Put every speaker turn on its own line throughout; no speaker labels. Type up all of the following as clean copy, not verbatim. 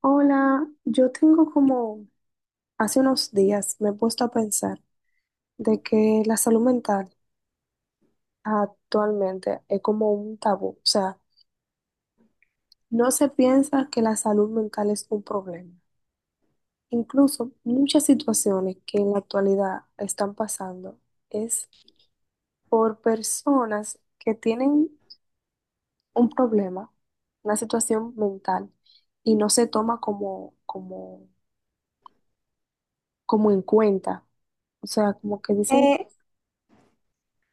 Hola, yo tengo como hace unos días me he puesto a pensar de que la salud mental actualmente es como un tabú, o sea, no se piensa que la salud mental es un problema. Incluso muchas situaciones que en la actualidad están pasando es por personas que tienen un problema, una situación mental y no se toma como en cuenta. O sea, como que dicen.
Eh,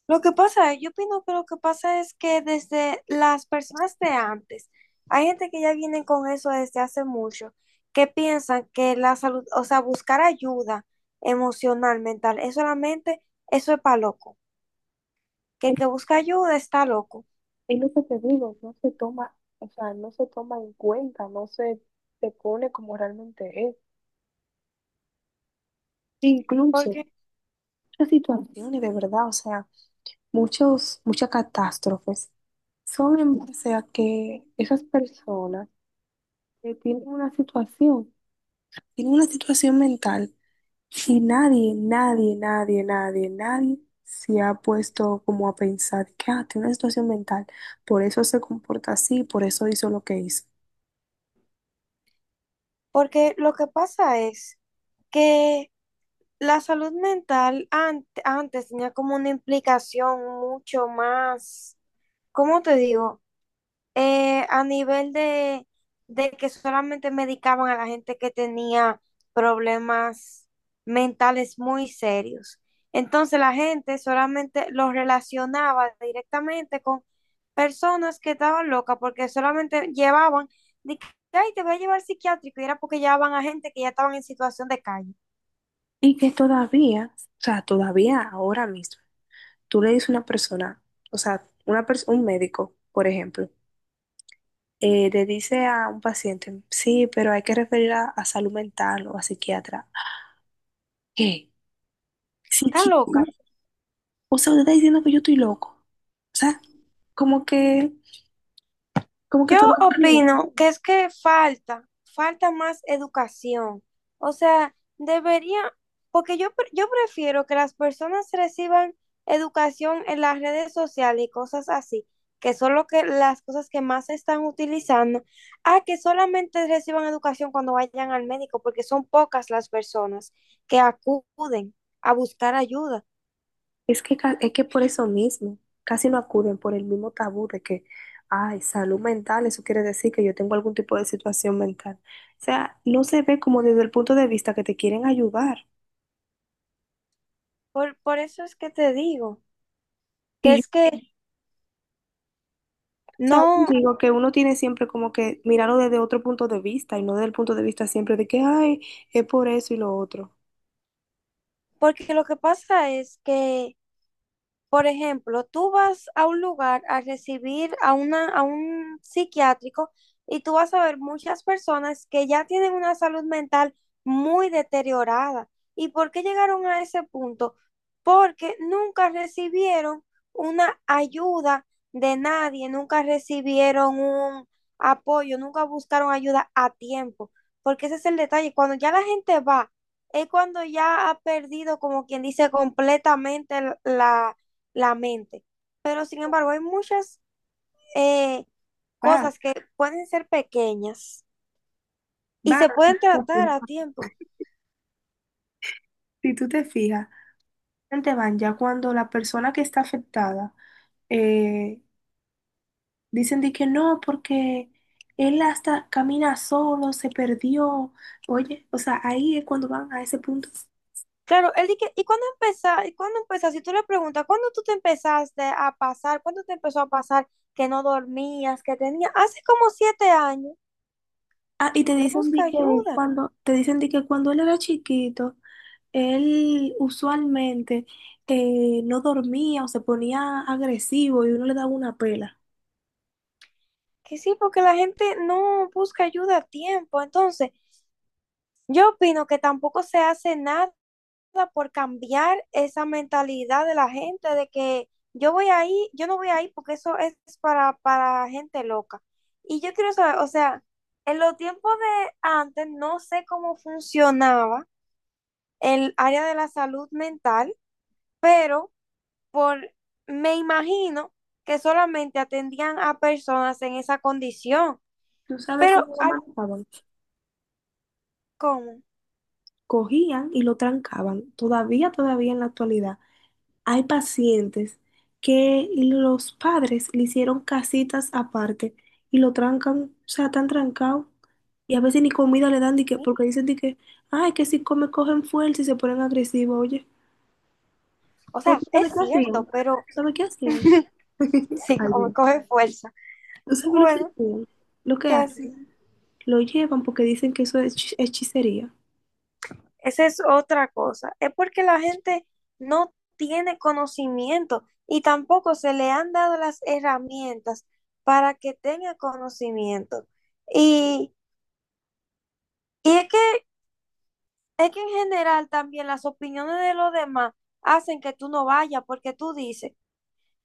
lo que pasa, yo opino que lo que pasa es que desde las personas de antes, hay gente que ya vienen con eso desde hace mucho, que piensan que la salud, o sea, buscar ayuda emocional, mental, es solamente, eso es para loco, que el que busca ayuda está loco,
Es lo que te digo, no se toma, o sea, no se toma en cuenta, no se, se pone como realmente es. Incluso
porque,
muchas situaciones de verdad, o sea, muchas catástrofes son en base a que esas personas que tienen una situación mental y nadie se ha puesto como a pensar que, ah, tiene una situación mental, por eso se comporta así, por eso hizo lo que hizo.
porque lo que pasa es que la salud mental antes tenía como una implicación mucho más. ¿Cómo te digo? A nivel de que solamente medicaban a la gente que tenía problemas mentales muy serios. Entonces la gente solamente los relacionaba directamente con personas que estaban locas porque solamente llevaban, de que, ay, te voy a llevar al psiquiátrico, y era porque llevaban a gente que ya estaban en situación de calle.
Y que todavía, o sea, todavía ahora mismo, tú le dices a una persona, o sea, un médico, por ejemplo, le dice a un paciente, sí, pero hay que referir a salud mental o a psiquiatra. ¿A ¿Qué?
Está loca.
¿Psiquiatra? O sea, usted está diciendo que yo estoy loco. O sea, como que, como que
Yo
todo.
opino que es que falta, falta más educación. O sea, debería, porque yo, yo prefiero que las personas reciban educación en las redes sociales y cosas así, que son lo que, las cosas que más se están utilizando, a que solamente reciban educación cuando vayan al médico, porque son pocas las personas que acuden a buscar ayuda.
Es que, es que por eso mismo, casi no acuden por el mismo tabú de que, ay, salud mental, eso quiere decir que yo tengo algún tipo de situación mental. O sea, no se ve como desde el punto de vista que te quieren ayudar.
Por eso es que te digo, que
Y yo,
es que
o sea, yo
no,
digo que uno tiene siempre como que mirarlo desde otro punto de vista y no desde el punto de vista siempre de que, ay, es por eso y lo otro.
porque lo que pasa es que, por ejemplo, tú vas a un lugar a recibir a una, a un psiquiátrico, y tú vas a ver muchas personas que ya tienen una salud mental muy deteriorada. ¿Y por qué llegaron a ese punto? Porque nunca recibieron una ayuda de nadie, nunca recibieron un apoyo, nunca buscaron ayuda a tiempo, porque ese es el detalle. Cuando ya la gente va, es cuando ya ha perdido, como quien dice, completamente la la mente. Pero sin embargo, hay muchas eh,
Va,
cosas que pueden ser pequeñas y
va,
se pueden tratar a tiempo.
si tú te fijas, te van ya cuando la persona que está afectada, eh, dicen de que no, porque él hasta camina solo, se perdió. Oye, o sea, ahí es cuando van a ese punto.
Claro, él dice, ¿y cuándo empezaste? ¿Y cuándo empezaste? Si tú le preguntas, ¿cuándo tú te empezaste a pasar? ¿Cuándo te empezó a pasar que no dormías, que tenías? Hace como 7 años.
Ah, y te
No
dicen de
busca
que
ayuda.
cuando, te dicen de que cuando él era chiquito, él usualmente no dormía o se ponía agresivo y uno le daba una pela.
Que sí, porque la gente no busca ayuda a tiempo. Entonces, yo opino que tampoco se hace nada por cambiar esa mentalidad de la gente de que yo voy ahí, yo no voy ahí porque eso es para gente loca. Y yo quiero saber, o sea, en los tiempos de antes no sé cómo funcionaba el área de la salud mental, por, me imagino que solamente atendían a personas en esa condición,
¿Tú sabes
pero
cómo lo
ay,
manejaban?
¿cómo?
Cogían y lo trancaban, todavía, todavía en la actualidad. Hay pacientes que los padres le hicieron casitas aparte y lo trancan, o sea, tan trancado. Y a veces ni comida le dan, porque dicen di que, ay, que si come cogen fuerza y se ponen agresivos, oye.
O
¿O tú
sea, es
sabes qué hacían?
cierto, pero
¿Sabes qué hacían?
sí,
Ay,
como
Dios.
coge fuerza.
¿Tú sabes lo que
Bueno,
hacían? Lo que
que
hacen.
así.
Lo llevan porque dicen que eso es hechicería.
Esa es otra cosa. Es porque la gente no tiene conocimiento y tampoco se le han dado las herramientas para que tenga conocimiento. Y, y es que en general también las opiniones de los demás hacen que tú no vayas porque tú dices,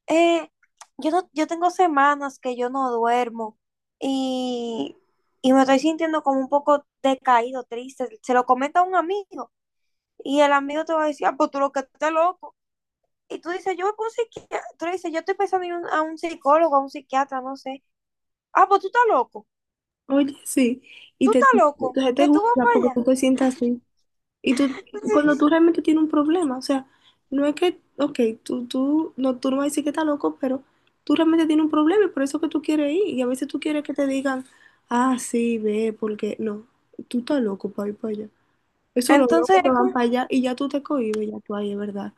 eh, yo, no, yo tengo semanas que yo no duermo y, y me estoy sintiendo como un poco decaído, triste. Se lo comenta a un amigo y el amigo te va a decir, ah, pues tú lo que estás loco. Y tú dices, yo voy con un psiquiatra. Tú le dices, yo estoy pensando en a un psicólogo, a un psiquiatra, no sé. Ah, pues tú estás loco.
Oye, sí. Y
Tú
te,
estás loco.
entonces te
Que tú vas
juzga
para
porque tú
allá.
te sientas así. Y tú, cuando tú
Sí.
realmente tienes un problema, o sea, no es que, ok, no, tú no vas a decir que estás loco, pero tú realmente tienes un problema y por eso que tú quieres ir. Y a veces tú quieres que te digan, ah, sí, ve, porque no, tú estás loco para ir para allá. Eso los locos
Entonces
que
es como,
van para allá y ya tú te cohibes, ya tú ahí, es verdad.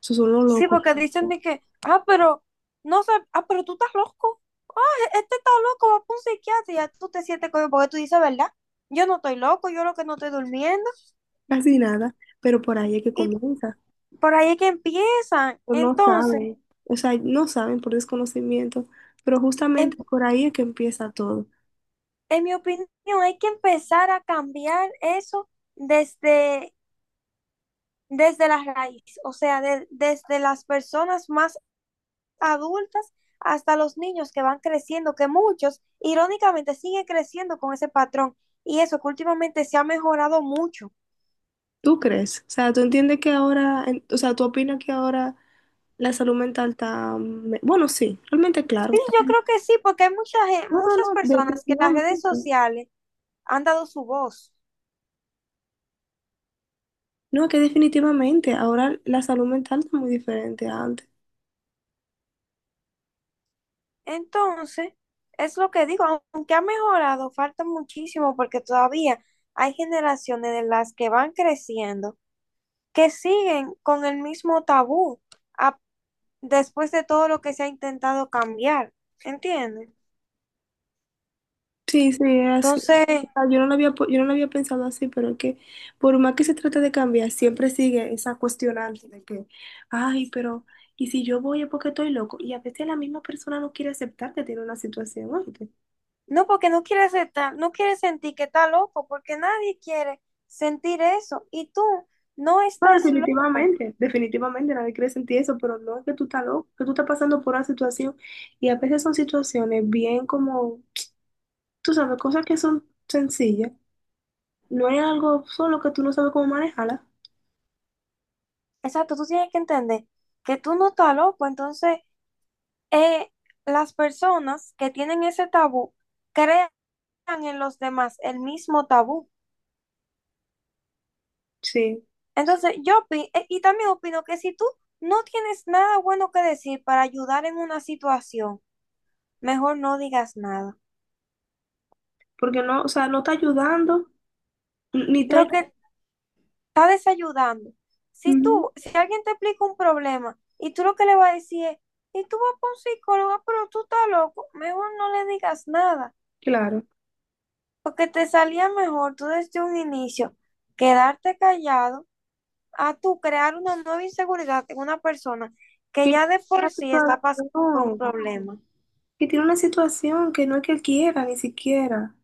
Eso son los
sí,
locos,
porque dicen de que, ah, pero, no sé, ah, pero tú estás loco. Este está loco, va para un psiquiatra y ya tú te sientes como, porque tú dices, ¿verdad? Yo no estoy loco, yo lo que no estoy durmiendo.
casi nada, pero por ahí es que
Y
comienza.
por ahí es que empiezan.
Pero no
Entonces,
saben, o sea, no saben por desconocimiento, pero justamente
en,
por ahí es que empieza todo.
en mi opinión, hay que empezar a cambiar eso desde desde la raíz, o sea, desde las personas más adultas hasta los niños que van creciendo, que muchos, irónicamente, siguen creciendo con ese patrón. Y eso que últimamente se ha mejorado mucho.
¿Tú crees? O sea, ¿tú entiendes que ahora, o sea, tú opinas que ahora la salud mental está, bueno, sí, realmente claro,
Sí,
está.
yo creo que sí, porque hay mucha,
No, no,
muchas
no,
personas que las redes
definitivamente.
sociales han dado su voz.
No, que definitivamente ahora la salud mental está muy diferente a antes.
Entonces, es lo que digo, aunque ha mejorado, falta muchísimo porque todavía hay generaciones de las que van creciendo que siguen con el mismo tabú a después de todo lo que se ha intentado cambiar, ¿entiendes?
Sí, sí, es así. O
Entonces,
sea, yo no lo había, yo no lo había pensado así, pero es que por más que se trate de cambiar, siempre sigue esa cuestionante de que, ay, pero, ¿y si yo voy es porque estoy loco? Y a veces la misma persona no quiere aceptar que tiene una situación, ¿no?
no porque no quiere aceptar, no quieres sentir que está loco, porque nadie quiere sentir eso y tú no
No,
estás loco.
definitivamente, definitivamente nadie quiere sentir eso, pero no es que tú estás loco, que tú estás pasando por una situación y a veces son situaciones bien como, tú sabes, cosas que son sencillas, no es algo solo que tú no sabes cómo manejarla,
Exacto, tú tienes que entender que tú no estás loco, entonces eh, las personas que tienen ese tabú crean en los demás el mismo tabú.
sí,
Entonces, yo opino, y también opino que si tú no tienes nada bueno que decir para ayudar en una situación, mejor no digas nada.
porque no, o sea, no está ayudando, ni está,
Lo que está desayudando. Si
ujú,
tú, si alguien te explica un problema y tú lo que le vas a decir es, y tú vas para un psicólogo, pero tú estás loco, mejor no le digas nada.
claro,
Porque te salía mejor tú desde un inicio quedarte callado a tú crear una nueva inseguridad en una persona que
que, tiene
ya de por
una
sí está pasando por un
situación,
problema.
que tiene una situación que no es que él quiera ni siquiera.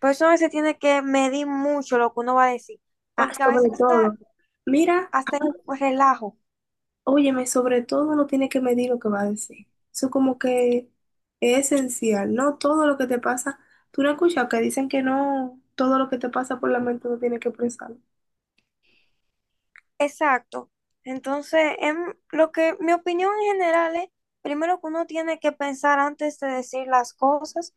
Por eso a veces tiene que medir mucho lo que uno va a decir.
Ah,
Porque a
sobre
veces
todo,
hasta,
mira,
hasta en relajo
óyeme, sobre todo no tiene que medir lo que va a decir. Eso como que es esencial, ¿no? Todo lo que te pasa, tú no escuchas que dicen que no, todo lo que te pasa por la mente no tiene que expresarlo.
exacto. Entonces, lo que mi opinión en general es, primero que uno tiene que pensar antes de decir las cosas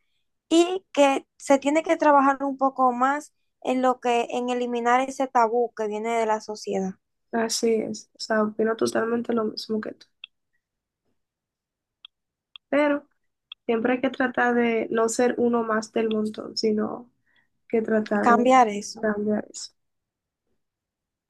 y que se tiene que trabajar un poco más en lo que, en eliminar ese tabú que viene de la sociedad,
Así es, o sea, opino totalmente lo mismo que tú. Pero siempre hay que tratar de no ser uno más del montón, sino que tratar de
cambiar eso.
cambiar eso.